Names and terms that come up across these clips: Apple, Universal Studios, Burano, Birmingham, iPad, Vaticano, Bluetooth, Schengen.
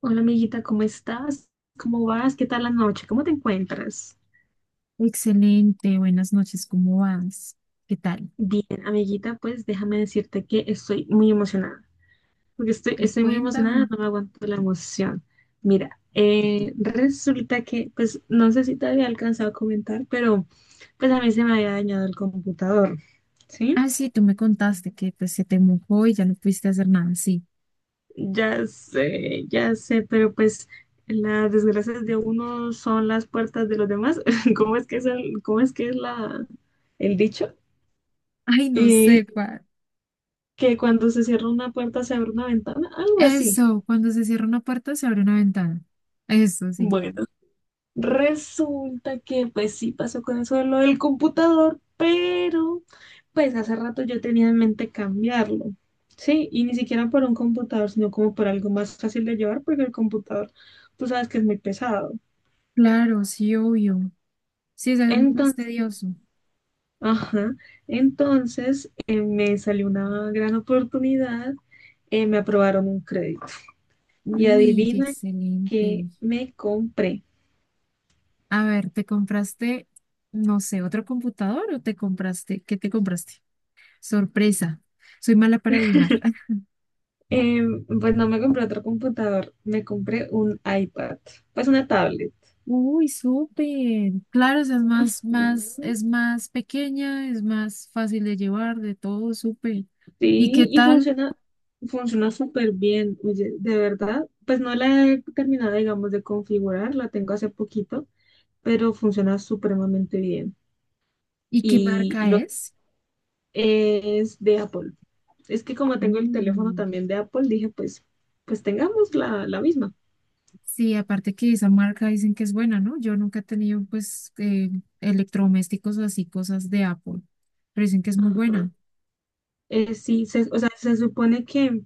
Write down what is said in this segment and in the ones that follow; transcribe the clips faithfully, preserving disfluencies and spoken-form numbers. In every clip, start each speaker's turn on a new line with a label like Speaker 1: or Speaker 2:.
Speaker 1: Hola amiguita, ¿cómo estás? ¿Cómo vas? ¿Qué tal la noche? ¿Cómo te encuentras?
Speaker 2: Excelente, buenas noches, ¿cómo vas? ¿Qué tal?
Speaker 1: Bien, amiguita, pues déjame decirte que estoy muy emocionada, porque estoy, estoy muy emocionada,
Speaker 2: Cuéntame.
Speaker 1: no me aguanto la emoción. Mira, eh, resulta que, pues no sé si te había alcanzado a comentar, pero pues a mí se me había dañado el computador, ¿sí?
Speaker 2: Ah, sí, tú me contaste que pues, se te mojó y ya no pudiste hacer nada, sí.
Speaker 1: Ya sé, ya sé, pero pues las desgracias de uno son las puertas de los demás. ¿Cómo es que es el, cómo es que es la, el dicho?
Speaker 2: Ay, no
Speaker 1: Y
Speaker 2: sé cuál.
Speaker 1: que cuando se cierra una puerta se abre una ventana, algo así.
Speaker 2: Eso, cuando se cierra una puerta se abre una ventana. Eso, sí.
Speaker 1: Bueno, resulta que pues sí pasó con eso de lo del computador, pero pues hace rato yo tenía en mente cambiarlo. Sí, y ni siquiera por un computador, sino como por algo más fácil de llevar, porque el computador, tú sabes que es muy pesado.
Speaker 2: Claro, sí, obvio. Sí, es algo más
Speaker 1: Entonces,
Speaker 2: tedioso.
Speaker 1: ajá, entonces eh, me salió una gran oportunidad, eh, me aprobaron un crédito. Y
Speaker 2: Uy, qué
Speaker 1: adivina que
Speaker 2: excelente.
Speaker 1: me compré.
Speaker 2: A ver, ¿te compraste, no sé, otro computador o te compraste, qué te compraste? Sorpresa, soy mala para adivinar.
Speaker 1: Eh, pues no me compré otro computador, me compré un iPad, pues una tablet.
Speaker 2: Uy, súper. Claro, o sea, es más, más,
Speaker 1: Mm,
Speaker 2: es más pequeña, es más fácil de llevar, de todo, súper. ¿Y qué
Speaker 1: sí, y
Speaker 2: tal?
Speaker 1: funciona, funciona súper bien, oye, de verdad. Pues no la he terminado, digamos, de configurar, la tengo hace poquito, pero funciona supremamente bien.
Speaker 2: ¿Y qué
Speaker 1: Y, y
Speaker 2: marca
Speaker 1: lo
Speaker 2: es?
Speaker 1: es de Apple. Es que como tengo el teléfono
Speaker 2: Uh,
Speaker 1: también de Apple, dije, pues, pues tengamos la, la misma.
Speaker 2: sí, aparte que esa marca dicen que es buena, ¿no? Yo nunca he tenido, pues, eh, electrodomésticos o así, cosas de Apple, pero dicen que es muy
Speaker 1: Ajá.
Speaker 2: buena.
Speaker 1: Eh, sí, se- o sea, se supone que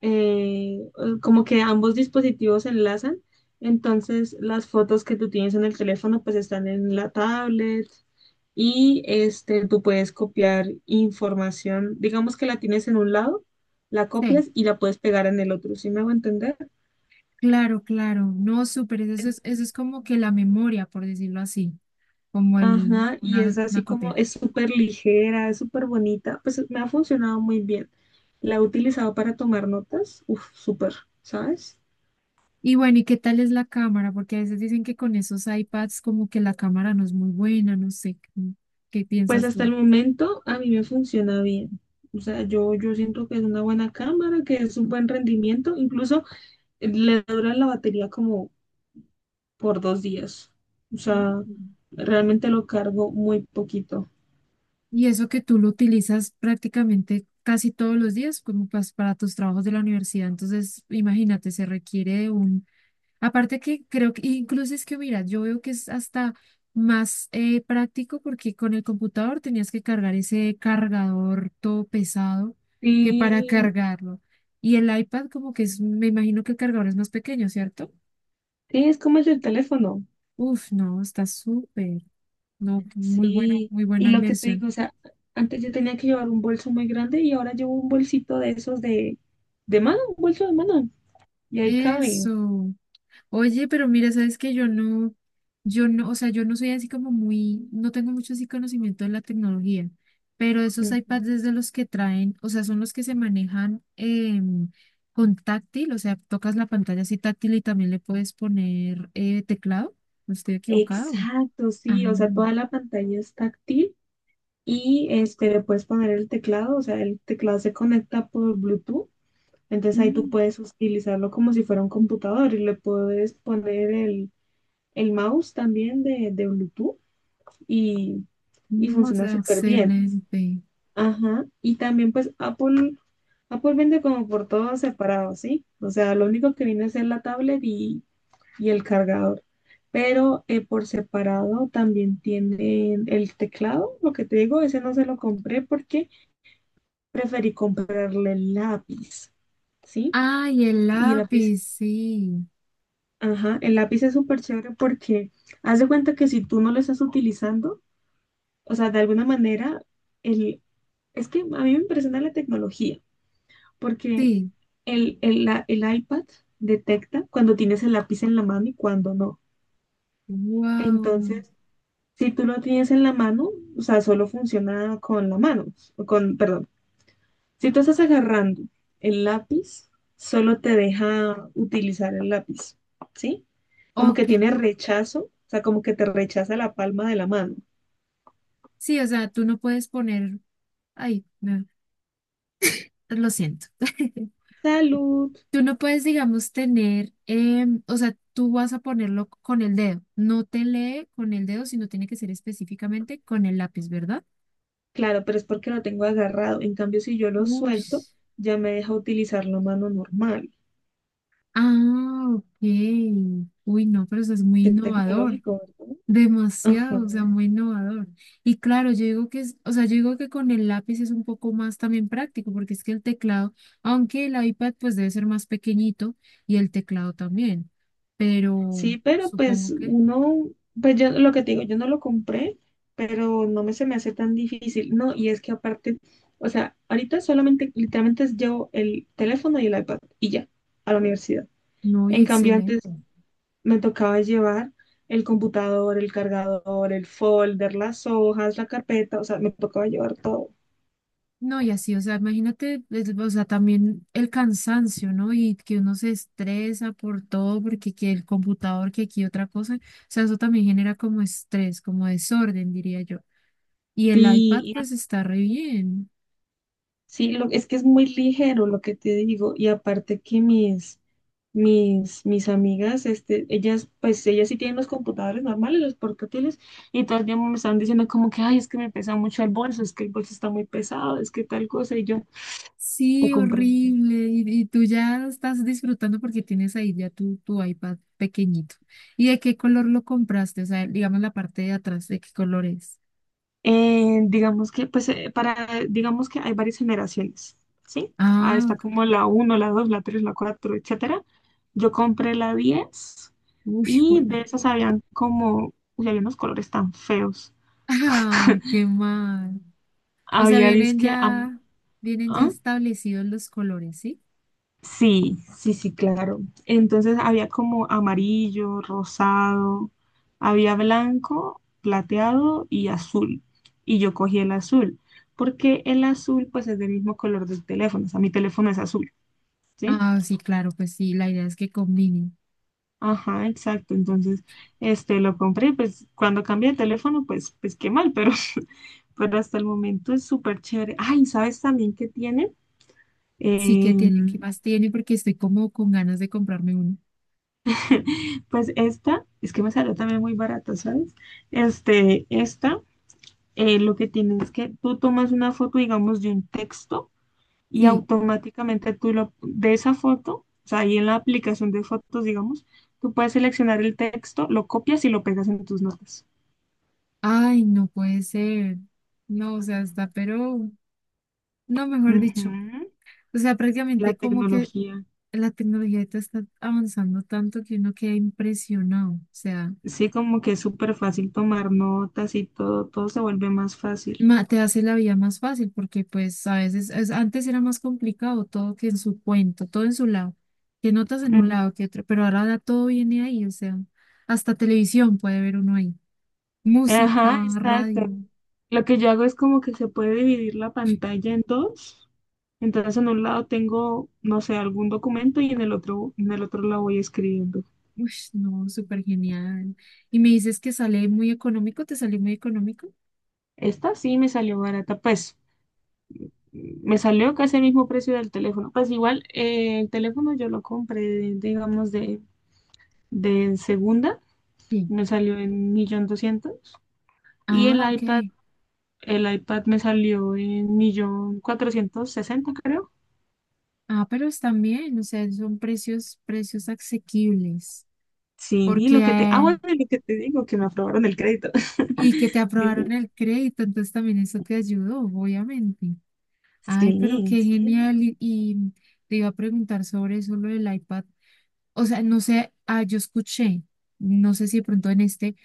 Speaker 1: eh, eh, como que ambos dispositivos se enlazan, entonces las fotos que tú tienes en el teléfono pues están en la tablet y este, tú puedes copiar información, digamos que la tienes en un lado, la
Speaker 2: Sí.
Speaker 1: copias y la puedes pegar en el otro, ¿sí me hago entender?
Speaker 2: Claro, claro. No, súper. Eso es, eso es como que la memoria, por decirlo así, como el,
Speaker 1: Ajá, y
Speaker 2: una
Speaker 1: es
Speaker 2: una
Speaker 1: así como,
Speaker 2: copia.
Speaker 1: es súper ligera, es súper bonita, pues me ha funcionado muy bien. La he utilizado para tomar notas, uff, súper, ¿sabes?
Speaker 2: Y bueno, ¿y qué tal es la cámara? Porque a veces dicen que con esos iPads como que la cámara no es muy buena, no sé, ¿qué qué
Speaker 1: Pues
Speaker 2: piensas
Speaker 1: hasta
Speaker 2: tú?
Speaker 1: el momento a mí me funciona bien. O sea, yo, yo siento que es una buena cámara, que es un buen rendimiento. Incluso eh, le dura la batería como por dos días. O sea,
Speaker 2: Mm.
Speaker 1: realmente lo cargo muy poquito.
Speaker 2: Y eso que tú lo utilizas prácticamente casi todos los días como pas- para tus trabajos de la universidad, entonces imagínate, se requiere de un. Aparte que creo que incluso es que, mira, yo veo que es hasta más eh, práctico porque con el computador tenías que cargar ese cargador todo pesado que para
Speaker 1: Sí,
Speaker 2: cargarlo. Y el iPad como que es, me imagino que el cargador es más pequeño, ¿cierto?
Speaker 1: sí, es como el del teléfono.
Speaker 2: Uf, no, está súper. No, muy buena,
Speaker 1: Sí.
Speaker 2: muy
Speaker 1: Y
Speaker 2: buena
Speaker 1: lo que te
Speaker 2: inversión.
Speaker 1: digo, o sea, antes yo tenía que llevar un bolso muy grande y ahora llevo un bolsito de esos de, de mano, un bolso de mano. Y ahí cabe.
Speaker 2: Eso. Oye, pero mira, sabes que yo no, yo no, o sea, yo no soy así como muy, no tengo mucho así conocimiento de la tecnología, pero esos
Speaker 1: Ujú.
Speaker 2: iPads es de los que traen, o sea, son los que se manejan em, con táctil, o sea, tocas la pantalla así táctil y también le puedes poner eh, teclado. ¿No estoy equivocado?
Speaker 1: Exacto,
Speaker 2: Ah,
Speaker 1: sí, o sea, toda la pantalla es táctil y este, le puedes poner el teclado, o sea, el teclado se conecta por Bluetooth, entonces ahí tú
Speaker 2: mm,
Speaker 1: puedes utilizarlo como si fuera un computador y le puedes poner el, el mouse también de, de Bluetooth y, y
Speaker 2: no, o
Speaker 1: funciona
Speaker 2: sea,
Speaker 1: súper bien.
Speaker 2: excelente.
Speaker 1: Ajá, y también pues Apple, Apple vende como por todo separado, ¿sí? O sea, lo único que viene es la tablet y y el cargador. Pero eh, por separado también tienen el teclado. Lo que te digo, ese no se lo compré porque preferí comprarle el lápiz, ¿sí?
Speaker 2: Ay, el
Speaker 1: Y el lápiz,
Speaker 2: lápiz, sí,
Speaker 1: ajá, el lápiz es súper chévere porque haz de cuenta que si tú no lo estás utilizando, o sea, de alguna manera, el, es que a mí me impresiona la tecnología porque
Speaker 2: sí,
Speaker 1: el, el la- el iPad detecta cuando tienes el lápiz en la mano y cuando no.
Speaker 2: wow.
Speaker 1: Entonces, si tú lo tienes en la mano, o sea, solo funciona con la mano, o con, perdón. Si tú estás agarrando el lápiz, solo te deja utilizar el lápiz, ¿sí? Como que
Speaker 2: Ok,
Speaker 1: tiene rechazo, o sea, como que te rechaza la palma de la mano.
Speaker 2: sí, o sea, tú no puedes poner, ay, no. Lo siento.
Speaker 1: Salud.
Speaker 2: Tú no puedes, digamos, tener, em, o sea, tú vas a ponerlo con el dedo. No te lee con el dedo, sino tiene que ser específicamente con el lápiz, ¿verdad?
Speaker 1: Claro, pero es porque lo tengo agarrado. En cambio, si yo lo
Speaker 2: Uy.
Speaker 1: suelto, ya me deja utilizar la mano normal.
Speaker 2: Ah, ok. Uy, no, pero eso es muy
Speaker 1: Qué
Speaker 2: innovador.
Speaker 1: tecnológico, ¿verdad? Ajá.
Speaker 2: Demasiado, o sea, muy innovador. Y claro, yo digo que es, o sea, yo digo que con el lápiz es un poco más también práctico, porque es que el teclado, aunque el iPad pues debe ser más pequeñito y el teclado también, pero
Speaker 1: Sí, pero pues
Speaker 2: supongo que.
Speaker 1: uno, pues yo lo que te digo, yo no lo compré, pero no me se me hace tan difícil. No, y es que aparte, o sea, ahorita solamente, literalmente es llevo el teléfono y el iPad y ya, a la universidad.
Speaker 2: No, y
Speaker 1: En cambio, antes
Speaker 2: excelente.
Speaker 1: me tocaba llevar el computador, el cargador, el folder, las hojas, la carpeta, o sea, me tocaba llevar todo.
Speaker 2: No, y así, o sea, imagínate, es- o sea, también el cansancio, ¿no? Y que uno se estresa por todo, porque que el computador, que aquí otra cosa, o sea, eso también genera como estrés, como desorden, diría yo. Y el iPad,
Speaker 1: Sí,
Speaker 2: pues está re bien.
Speaker 1: sí, lo, es que es muy ligero lo que te digo y aparte que mis, mis, mis amigas, este, ellas, pues ellas sí tienen los computadores normales, los portátiles y todo el tiempo me están diciendo como que, ay, es que me pesa mucho el bolso, es que el bolso está muy pesado, es que tal cosa y yo te
Speaker 2: Sí,
Speaker 1: comprendo.
Speaker 2: horrible. Y, y tú ya estás disfrutando porque tienes ahí ya tu, tu iPad pequeñito. ¿Y de qué color lo compraste? O sea, digamos la parte de atrás, ¿de qué color es?
Speaker 1: Eh, digamos que, pues, eh, para, digamos que hay varias generaciones, ¿sí? Ah,
Speaker 2: Ah,
Speaker 1: está
Speaker 2: ok.
Speaker 1: como la uno la dos la tres la cuatro etcétera. Yo compré la diez
Speaker 2: Uy.
Speaker 1: y de esas habían como, uy, había unos colores tan feos.
Speaker 2: Ay, qué mal. O sea,
Speaker 1: Había
Speaker 2: vienen
Speaker 1: disque, am-
Speaker 2: ya, vienen ya
Speaker 1: ¿ah?
Speaker 2: establecidos los colores, ¿sí?
Speaker 1: Sí, sí, sí, claro. Entonces había como amarillo, rosado, había blanco, plateado y azul. Y yo cogí el azul, porque el azul pues es del mismo color del teléfono, o sea, mi teléfono es azul, ¿sí?
Speaker 2: Ah, sí, claro, pues sí, la idea es que combinen.
Speaker 1: Ajá, exacto. Entonces, este, lo compré, pues cuando cambié de teléfono, pues, pues qué mal, pero, pero hasta el momento es súper chévere. Ay, ¿sabes también qué tiene?
Speaker 2: Sí que tiene, ¿qué
Speaker 1: Em,
Speaker 2: más tiene? Porque estoy como con ganas de comprarme uno.
Speaker 1: Pues esta, es que me salió también muy barata, ¿sabes? Este, esta, eh, lo que tiene es que tú tomas una foto, digamos, de un texto y
Speaker 2: Sí.
Speaker 1: automáticamente tú lo, de esa foto, o sea, ahí en la aplicación de fotos, digamos, tú puedes seleccionar el texto, lo copias y lo pegas en tus notas.
Speaker 2: Ay, no puede ser. No, o sea, está, pero, no, mejor
Speaker 1: Ujú,
Speaker 2: dicho. O sea,
Speaker 1: la
Speaker 2: prácticamente como que
Speaker 1: tecnología.
Speaker 2: la tecnología ahorita está avanzando tanto que uno queda impresionado. O sea,
Speaker 1: Sí, como que es súper fácil tomar notas y todo, todo se vuelve más fácil.
Speaker 2: ma- te hace la vida más fácil porque pues a veces es- antes era más complicado todo que en su cuento, todo en su lado, que notas en
Speaker 1: Mm,
Speaker 2: un lado, que otro, pero ahora da- todo viene ahí. O sea, hasta televisión puede ver uno ahí.
Speaker 1: ajá,
Speaker 2: Música,
Speaker 1: exacto.
Speaker 2: radio.
Speaker 1: Lo que yo hago es como que se puede dividir la pantalla en dos. Entonces en un lado tengo, no sé, algún documento y en el otro, en el otro lado voy escribiendo.
Speaker 2: Uy, no, súper genial. Y me dices que sale muy económico, ¿te sale muy económico?
Speaker 1: Esta sí me salió barata, pues me salió casi el mismo precio del teléfono. Pues igual eh, el teléfono yo lo compré, digamos, de, de segunda,
Speaker 2: Sí.
Speaker 1: me salió en un millón doscientos y el
Speaker 2: Ah,
Speaker 1: iPad,
Speaker 2: ok.
Speaker 1: el iPad me salió en un millón cuatrocientos sesenta, creo.
Speaker 2: Ah, pero están bien, o sea, son precios, precios asequibles,
Speaker 1: Sí, y
Speaker 2: porque
Speaker 1: lo que te, ah,
Speaker 2: eh,
Speaker 1: bueno, y lo que te digo, que me aprobaron el crédito.
Speaker 2: y que te
Speaker 1: Dime.
Speaker 2: aprobaron el crédito, entonces también eso te ayudó, obviamente. Ay, pero
Speaker 1: Sí,
Speaker 2: qué
Speaker 1: sí.
Speaker 2: genial, y, y te iba a preguntar sobre eso, lo del iPad, o sea, no sé, ah, yo escuché, no sé si de pronto en este,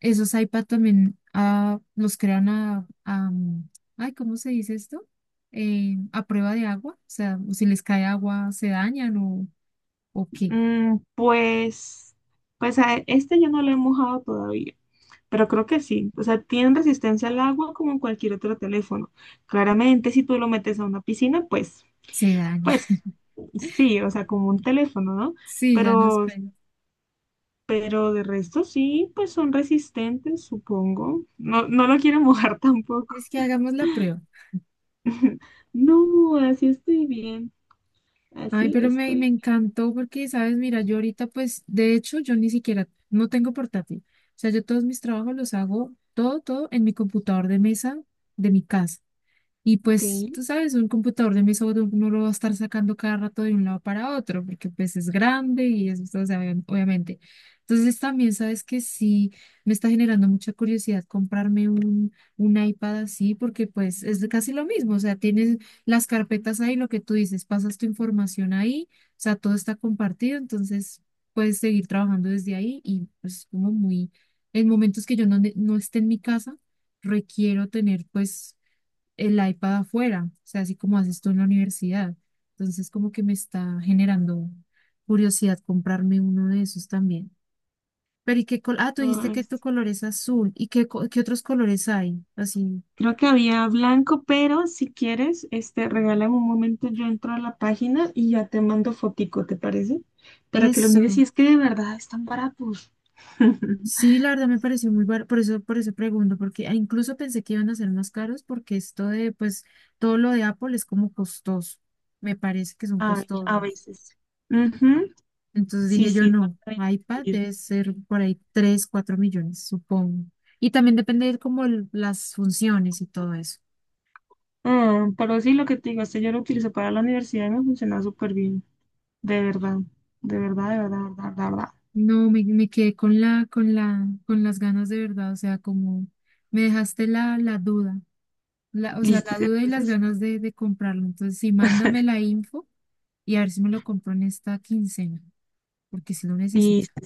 Speaker 2: esos iPad también ah, los crean a, a, mm, ay, ¿cómo se dice esto? Eh, a prueba de agua, o sea, si les cae agua, ¿se dañan o, o qué?
Speaker 1: Mm, pues, pues a este yo no lo he mojado todavía, pero creo que sí. O sea, tiene resistencia al agua como cualquier otro teléfono. Claramente, si tú lo metes a una piscina, pues,
Speaker 2: Se dañan.
Speaker 1: pues, sí, o sea, como un teléfono, ¿no?
Speaker 2: Sí, ya no
Speaker 1: Pero,
Speaker 2: esperes.
Speaker 1: pero de resto sí, pues son resistentes, supongo. No, no lo quiero mojar tampoco.
Speaker 2: Es que hagamos la prueba.
Speaker 1: No, así estoy bien.
Speaker 2: Ay,
Speaker 1: Así
Speaker 2: pero me,
Speaker 1: estoy.
Speaker 2: me encantó porque, sabes, mira, yo ahorita, pues, de hecho, yo ni siquiera, no tengo portátil. O sea, yo todos mis trabajos los hago, todo, todo en mi computador de mesa de mi casa. Y
Speaker 1: Ok.
Speaker 2: pues, tú sabes, un computador de mesa uno no lo va a estar sacando cada rato de un lado para otro, porque pues es grande y es, o sea, obvia- obviamente. Entonces también sabes que sí, me está generando mucha curiosidad comprarme un, un iPad así, porque pues es casi lo mismo, o sea, tienes las carpetas ahí, lo que tú dices, pasas tu información ahí, o sea, todo está compartido, entonces puedes seguir trabajando desde ahí y pues como muy, en momentos que yo no, ne- no esté en mi casa, requiero tener pues el iPad afuera, o sea, así como haces tú en la universidad. Entonces, como que me está generando curiosidad comprarme uno de esos también. Pero, ¿y qué col. Ah, tú dijiste
Speaker 1: Ay,
Speaker 2: que tu
Speaker 1: sí.
Speaker 2: color es azul. ¿Y qué, co- qué otros colores hay? Así,
Speaker 1: Creo que había blanco, pero si quieres, este, regálame un momento, yo entro a la página y ya te mando fotico, ¿te parece? Para que lo mires
Speaker 2: eso.
Speaker 1: y es que de verdad están baratos.
Speaker 2: Sí, la verdad me pareció muy barato, por eso, por eso pregunto, porque ah, incluso pensé que iban a ser más caros, porque esto de, pues, todo lo de Apple es como costoso. Me parece que son
Speaker 1: Ay, a
Speaker 2: costosos.
Speaker 1: veces. Ujú.
Speaker 2: Entonces
Speaker 1: Sí,
Speaker 2: dije yo,
Speaker 1: sí, no te
Speaker 2: no,
Speaker 1: voy a
Speaker 2: iPad
Speaker 1: mentir.
Speaker 2: debe ser por ahí tres cuatro millones, supongo. Y también depende de como el- las funciones y todo eso.
Speaker 1: Ah, pero sí, lo que te digo, este yo lo utilizo para la universidad y me funciona súper bien. De verdad, de verdad, de verdad, de verdad, de verdad.
Speaker 2: No, me, me quedé con la, con la, con las ganas de verdad, o sea, como me dejaste la, la duda, la, o sea,
Speaker 1: Listo,
Speaker 2: la duda y las
Speaker 1: entonces,
Speaker 2: ganas de, de comprarlo. Entonces, sí, mándame la info y a ver si me lo compro en esta quincena, porque sí lo necesito.
Speaker 1: listo.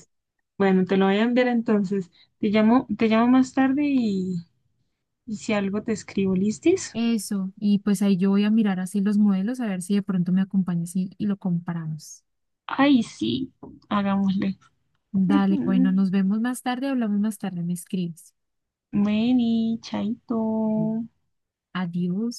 Speaker 1: Bueno, te lo voy a enviar entonces. Te llamo, te llamo más tarde y, y si algo te escribo, ¿listis?
Speaker 2: Eso, y pues ahí yo voy a mirar así los modelos, a ver si de pronto me acompañas y, y lo comparamos.
Speaker 1: Ay, sí, hagámosle.
Speaker 2: Dale, bueno, nos vemos más tarde, hablamos más tarde, me escribes.
Speaker 1: Meni, chaito.
Speaker 2: Adiós.